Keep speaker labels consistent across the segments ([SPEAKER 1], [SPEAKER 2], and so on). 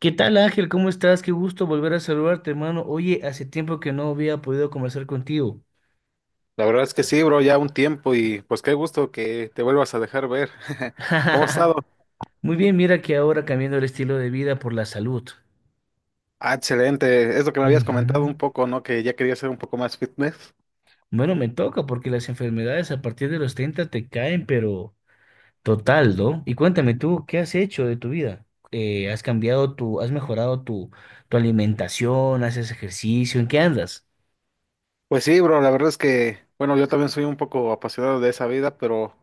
[SPEAKER 1] ¿Qué tal, Ángel? ¿Cómo estás? Qué gusto volver a saludarte, hermano. Oye, hace tiempo que no había podido conversar contigo.
[SPEAKER 2] La verdad es que sí, bro, ya un tiempo y pues qué gusto que te vuelvas a dejar ver. ¿Cómo has estado?
[SPEAKER 1] Muy bien, mira que ahora cambiando el estilo de vida por la salud.
[SPEAKER 2] Ah, excelente. Es lo que me habías comentado
[SPEAKER 1] Ujú.
[SPEAKER 2] un poco, ¿no? Que ya quería ser un poco más fitness.
[SPEAKER 1] Bueno, me toca porque las enfermedades a partir de los 30 te caen, pero total, ¿no? Y cuéntame tú, ¿qué has hecho de tu vida? ¿ Has mejorado tu alimentación? ¿Haces ejercicio? ¿En qué andas?
[SPEAKER 2] Pues sí, bro, la verdad es que, bueno, yo también soy un poco apasionado de esa vida, pero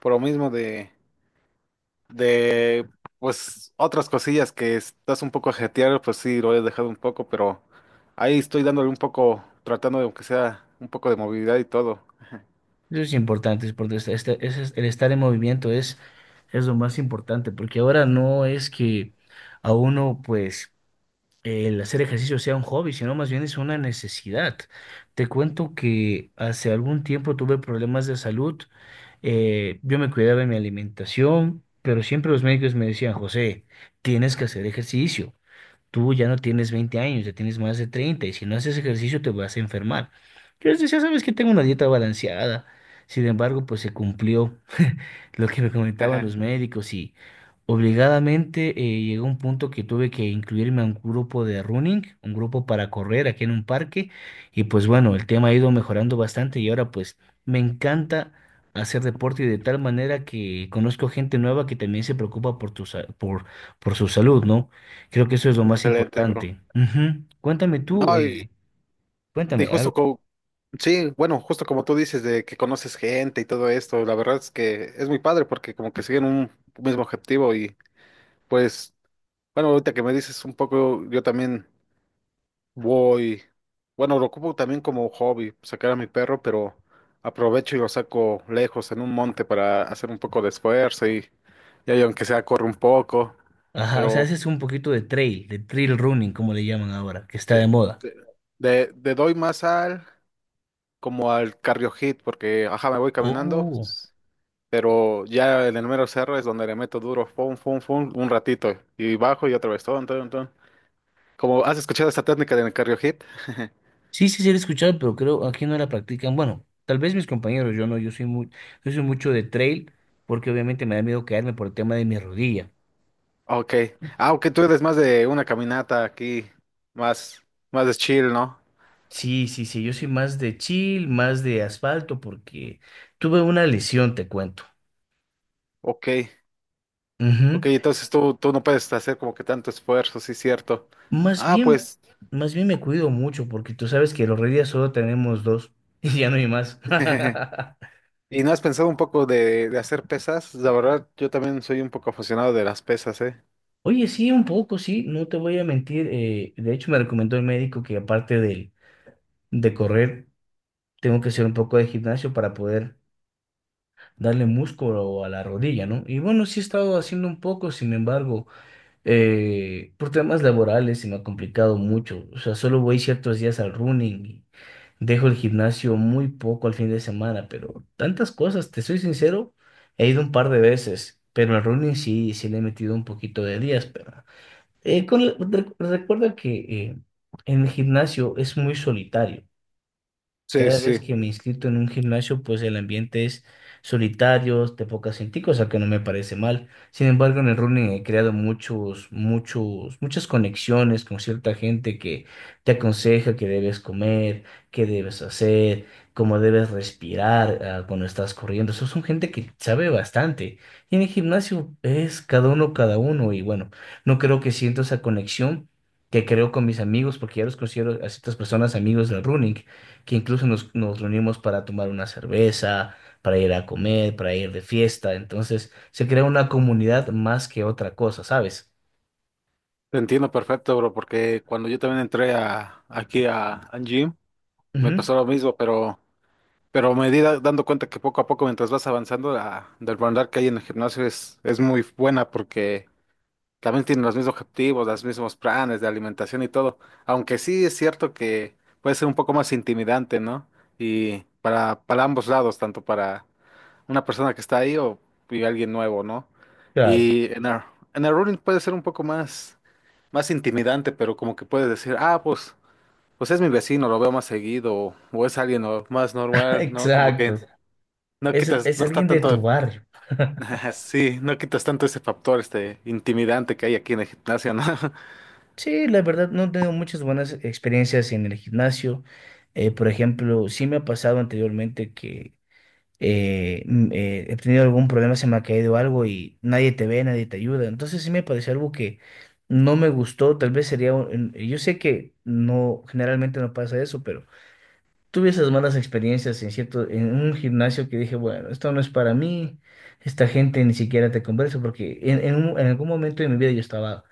[SPEAKER 2] por lo mismo de, pues, otras cosillas que estás un poco ajetreado, pues sí, lo he dejado un poco, pero ahí estoy dándole un poco, tratando de, aunque sea un poco de movilidad y todo.
[SPEAKER 1] Eso es importante, es porque este- este- ese es- el estar en movimiento es lo más importante, porque ahora no es que a uno, pues, el hacer ejercicio sea un hobby, sino más bien es una necesidad. Te cuento que hace algún tiempo tuve problemas de salud. Yo me cuidaba de mi alimentación, pero siempre los médicos me decían: José, tienes que hacer ejercicio, tú ya no tienes 20 años, ya tienes más de 30 y si no haces ejercicio te vas a enfermar. Yo les decía, sabes que tengo una dieta balanceada. Sin embargo, pues se cumplió lo que me comentaban los médicos y obligadamente llegó un punto que tuve que incluirme a un grupo de running, un grupo para correr aquí en un parque, y pues bueno, el tema ha ido mejorando bastante y ahora pues me encanta hacer deporte, y de tal manera que conozco gente nueva que también se preocupa por por su salud, ¿no? Creo que eso es lo más
[SPEAKER 2] Excelente, bro.
[SPEAKER 1] importante. Ujú.
[SPEAKER 2] No, y, Y
[SPEAKER 1] Cuéntame
[SPEAKER 2] justo
[SPEAKER 1] algo.
[SPEAKER 2] como, sí, bueno, justo como tú dices de que conoces gente y todo esto, la verdad es que es muy padre porque como que siguen un mismo objetivo y pues, bueno, ahorita que me dices un poco, yo también voy, bueno, lo ocupo también como hobby, sacar a mi perro, pero aprovecho y lo saco lejos en un monte para hacer un poco de esfuerzo y ahí aunque sea corre un poco,
[SPEAKER 1] Ajá, o sea,
[SPEAKER 2] pero
[SPEAKER 1] haces un poquito de trail running, como le llaman ahora, que está de
[SPEAKER 2] sí,
[SPEAKER 1] moda.
[SPEAKER 2] de, de doy más al como al cardio hit porque, ajá, me voy caminando.
[SPEAKER 1] Oh,
[SPEAKER 2] Pero ya en el mero cerro es donde le meto duro, fum, fum, fum, un ratito. Y bajo y otra vez, ton, ton, ton. Como has escuchado esta técnica del cardio hit.
[SPEAKER 1] sí, sí, sí, lo he escuchado, pero creo aquí no la practican. Bueno, tal vez mis compañeros, yo no, yo soy mucho de trail, porque obviamente me da miedo caerme por el tema de mi rodilla.
[SPEAKER 2] Ok. Ah, ok, tú eres más de una caminata aquí, más, más de chill, ¿no?
[SPEAKER 1] Sí, sí, sí, yo soy más de chill, más de asfalto, porque tuve una lesión, te cuento.
[SPEAKER 2] Ok.
[SPEAKER 1] Ujú.
[SPEAKER 2] Ok, entonces tú no puedes hacer como que tanto esfuerzo, sí, cierto.
[SPEAKER 1] Más
[SPEAKER 2] Ah,
[SPEAKER 1] bien,
[SPEAKER 2] pues.
[SPEAKER 1] más bien me cuido mucho porque tú sabes que los reyes solo tenemos dos y ya no hay más.
[SPEAKER 2] ¿Y no has pensado un poco de hacer pesas? La verdad, yo también soy un poco aficionado de las pesas, ¿eh?
[SPEAKER 1] Oye, sí, un poco, sí, no te voy a mentir. De hecho, me recomendó el médico que aparte de correr, tengo que hacer un poco de gimnasio para poder darle músculo a la rodilla, ¿no? Y bueno, sí he estado haciendo un poco, sin embargo, por temas laborales se me ha complicado mucho. O sea, solo voy ciertos días al running y dejo el gimnasio muy poco al fin de semana, pero tantas cosas, te soy sincero, he ido un par de veces, pero al running sí, sí le he metido un poquito de días, pero recuerda que eh, en el gimnasio es muy solitario.
[SPEAKER 2] Sí,
[SPEAKER 1] Cada vez
[SPEAKER 2] sí.
[SPEAKER 1] que me he inscrito en un gimnasio, pues el ambiente es solitario, de poca gente, cosa que no me parece mal. Sin embargo, en el running he creado muchos, muchos, muchas conexiones con cierta gente que te aconseja qué debes comer, qué debes hacer, cómo debes respirar, ah, cuando estás corriendo. Eso son gente que sabe bastante. Y en el gimnasio es cada uno, cada uno. Y bueno, no creo que siento esa conexión que creo con mis amigos, porque ya los considero a ciertas personas amigos del running, que incluso nos reunimos para tomar una cerveza, para ir a comer, para ir de fiesta. Entonces se crea una comunidad más que otra cosa, ¿sabes?
[SPEAKER 2] Te entiendo perfecto, bro, porque cuando yo también entré aquí a Gym, me
[SPEAKER 1] Ujú,
[SPEAKER 2] pasó lo mismo, pero me di dando cuenta que poco a poco, mientras vas avanzando, la del bandar que hay en el gimnasio es muy buena porque también tienen los mismos objetivos, los mismos planes de alimentación y todo. Aunque sí es cierto que puede ser un poco más intimidante, ¿no? Y para ambos lados, tanto para una persona que está ahí o y alguien nuevo, ¿no?
[SPEAKER 1] claro,
[SPEAKER 2] Y en el running puede ser un poco más más intimidante, pero como que puedes decir, ah, pues, pues es mi vecino, lo veo más seguido, o es alguien más normal, ¿no? Como que
[SPEAKER 1] exacto.
[SPEAKER 2] no quitas,
[SPEAKER 1] Es
[SPEAKER 2] no está
[SPEAKER 1] alguien de
[SPEAKER 2] tanto,
[SPEAKER 1] tu barrio.
[SPEAKER 2] sí, no quitas tanto ese factor, este, intimidante que hay aquí en el gimnasio, ¿no?
[SPEAKER 1] Sí, la verdad no he tenido muchas buenas experiencias en el gimnasio. Por ejemplo, sí me ha pasado anteriormente que he tenido algún problema, se me ha caído algo y nadie te ve, nadie te ayuda. Entonces sí me pareció algo que no me gustó, tal vez sería, yo sé que no, generalmente no pasa eso, pero tuve esas malas experiencias en cierto, en un gimnasio que dije, bueno, esto no es para mí, esta gente ni siquiera te conversa, porque en algún momento de mi vida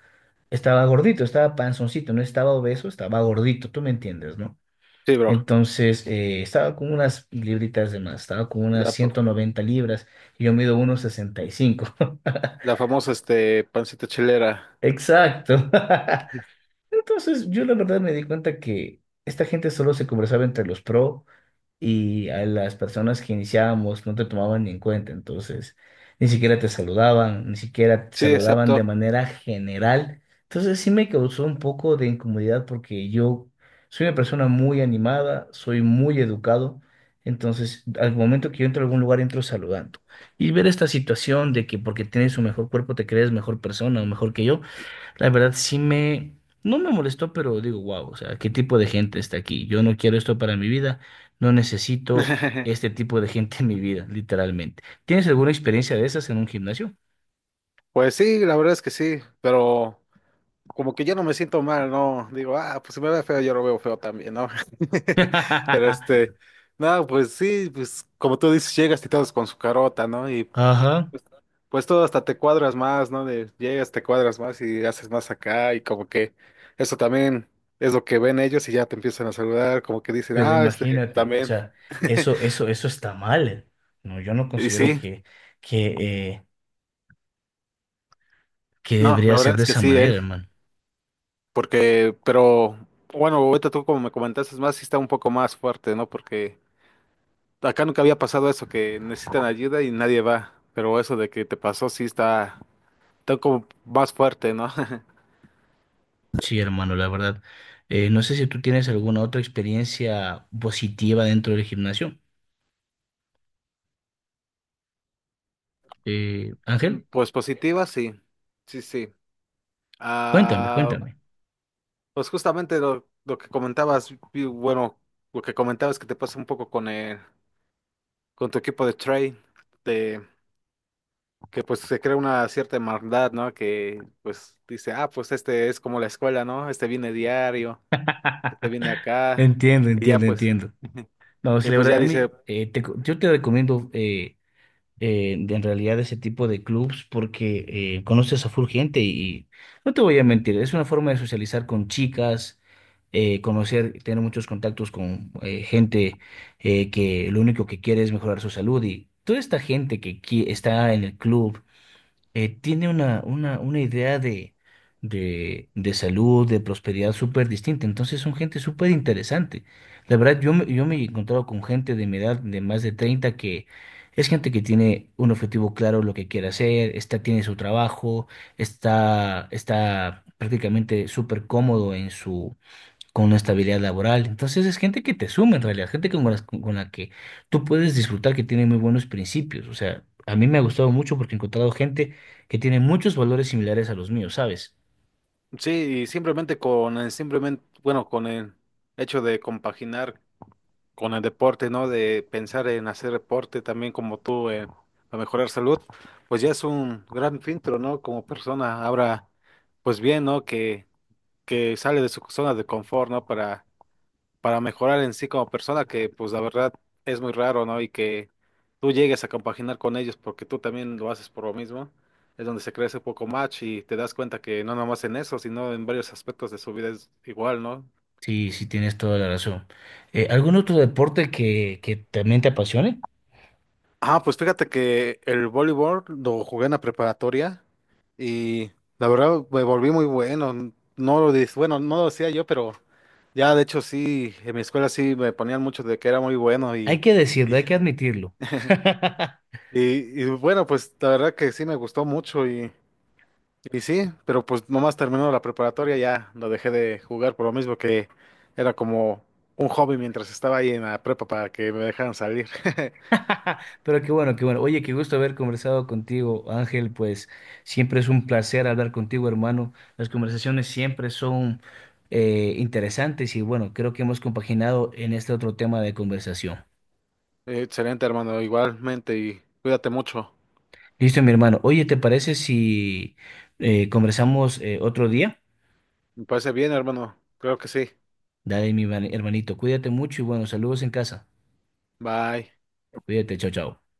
[SPEAKER 1] estaba gordito, estaba panzoncito, no estaba obeso, estaba gordito, tú me entiendes, ¿no?
[SPEAKER 2] Sí, bro,
[SPEAKER 1] Entonces, estaba con unas libritas de más, estaba con unas
[SPEAKER 2] la,
[SPEAKER 1] 190 libras y yo mido 1,65.
[SPEAKER 2] la famosa, este, pancita chilera.
[SPEAKER 1] Exacto. Entonces, yo la verdad me di cuenta que esta gente solo se conversaba entre los pro, y a las personas que iniciábamos no te tomaban ni en cuenta, entonces ni siquiera te saludaban, ni siquiera te
[SPEAKER 2] Sí,
[SPEAKER 1] saludaban de
[SPEAKER 2] exacto.
[SPEAKER 1] manera general. Entonces sí me causó un poco de incomodidad porque yo soy una persona muy animada, soy muy educado, entonces al momento que yo entro a algún lugar entro saludando. Y ver esta situación de que porque tienes un mejor cuerpo te crees mejor persona o mejor que yo, la verdad no me molestó, pero digo, wow, o sea, ¿qué tipo de gente está aquí? Yo no quiero esto para mi vida, no necesito este tipo de gente en mi vida, literalmente. ¿Tienes alguna experiencia de esas en un gimnasio?
[SPEAKER 2] Pues sí, la verdad es que sí, pero como que yo no me siento mal, ¿no? Digo, ah, pues si me ve feo, yo lo veo feo también, ¿no? Pero este, no, pues sí, pues como tú dices, llegas y todos con su carota, ¿no? Y
[SPEAKER 1] Ajá,
[SPEAKER 2] pues, pues todo hasta te cuadras más, ¿no? De, llegas, te cuadras más y haces más acá y como que eso también es lo que ven ellos y ya te empiezan a saludar, como que dicen,
[SPEAKER 1] pero
[SPEAKER 2] ah, este,
[SPEAKER 1] imagínate, o
[SPEAKER 2] también.
[SPEAKER 1] sea, eso, eso, eso está mal. No, yo no
[SPEAKER 2] Y
[SPEAKER 1] considero
[SPEAKER 2] sí,
[SPEAKER 1] que, eh, que
[SPEAKER 2] no,
[SPEAKER 1] debería
[SPEAKER 2] la
[SPEAKER 1] ser
[SPEAKER 2] verdad
[SPEAKER 1] de
[SPEAKER 2] es que
[SPEAKER 1] esa
[SPEAKER 2] sí, ¿eh?
[SPEAKER 1] manera, hermano.
[SPEAKER 2] Porque, pero, bueno, ahorita tú como me comentaste, es más, sí está un poco más fuerte, ¿no? Porque acá nunca había pasado eso, que necesitan ayuda y nadie va. Pero eso de que te pasó sí está, está como más fuerte, ¿no?
[SPEAKER 1] Sí, hermano, la verdad. No sé si tú tienes alguna otra experiencia positiva dentro del gimnasio, Ángel.
[SPEAKER 2] Pues positiva, sí. Sí, sí.
[SPEAKER 1] Cuéntame,
[SPEAKER 2] Ah,
[SPEAKER 1] cuéntame.
[SPEAKER 2] pues justamente lo que comentabas, y bueno, lo que comentabas que te pasa un poco con el, con tu equipo de trade, de que pues se crea una cierta hermandad, ¿no? Que pues dice, ah, pues este es como la escuela, ¿no? Este viene diario, este viene acá,
[SPEAKER 1] Entiendo,
[SPEAKER 2] y ya
[SPEAKER 1] entiendo,
[SPEAKER 2] pues,
[SPEAKER 1] entiendo. No, si
[SPEAKER 2] y
[SPEAKER 1] la
[SPEAKER 2] pues ya
[SPEAKER 1] verdad, a
[SPEAKER 2] dice,
[SPEAKER 1] mí, yo te recomiendo en realidad ese tipo de clubs porque conoces a full gente y no te voy a mentir, es una forma de socializar con chicas, conocer, tener muchos contactos con gente que lo único que quiere es mejorar su salud, y toda esta gente que está en el club tiene una idea de, de salud, de prosperidad súper distinta. Entonces son gente súper interesante. La verdad, yo me he encontrado con gente de mi edad, de más de 30, que es gente que tiene un objetivo claro, lo que quiere hacer, está, tiene su trabajo, está, está prácticamente súper cómodo en su, con una estabilidad laboral. Entonces es gente que te suma en realidad, gente con la que tú puedes disfrutar, que tiene muy buenos principios. O sea, a mí me ha gustado mucho porque he encontrado gente que tiene muchos valores similares a los míos, ¿sabes?
[SPEAKER 2] sí, y simplemente con el simplemente, bueno, con el hecho de compaginar con el deporte, ¿no? De pensar en hacer deporte también como tú, para mejorar salud, pues ya es un gran filtro, ¿no? Como persona, ahora, pues bien, ¿no? Que sale de su zona de confort, ¿no? Para mejorar en sí como persona, que pues la verdad es muy raro, ¿no? Y que tú llegues a compaginar con ellos porque tú también lo haces por lo mismo, es donde se crece un poco más y te das cuenta que no nomás en eso, sino en varios aspectos de su vida es igual, ¿no?
[SPEAKER 1] Sí, sí, tienes toda la razón. ¿Algún otro deporte que también te apasione?
[SPEAKER 2] Ah, pues fíjate que el voleibol lo jugué en la preparatoria y la verdad me volví muy bueno. Bueno, no lo decía yo, pero ya de hecho sí, en mi escuela sí me ponían mucho de que era muy bueno
[SPEAKER 1] Hay que decirlo,
[SPEAKER 2] y,
[SPEAKER 1] hay que admitirlo.
[SPEAKER 2] y bueno, pues la verdad que sí me gustó mucho y sí, pero pues nomás terminó la preparatoria ya lo dejé de jugar por lo mismo que era como un hobby mientras estaba ahí en la prepa para que me dejaran salir.
[SPEAKER 1] Pero qué bueno, qué bueno. Oye, qué gusto haber conversado contigo, Ángel. Pues siempre es un placer hablar contigo, hermano. Las conversaciones siempre son interesantes, y bueno, creo que hemos compaginado en este otro tema de conversación.
[SPEAKER 2] Excelente, hermano, igualmente y cuídate mucho.
[SPEAKER 1] Listo, mi hermano. Oye, ¿te parece si conversamos otro día?
[SPEAKER 2] Me parece bien, hermano. Creo que sí.
[SPEAKER 1] Dale, mi hermanito, cuídate mucho y bueno, saludos en casa.
[SPEAKER 2] Bye.
[SPEAKER 1] Cuídate, chao, chao.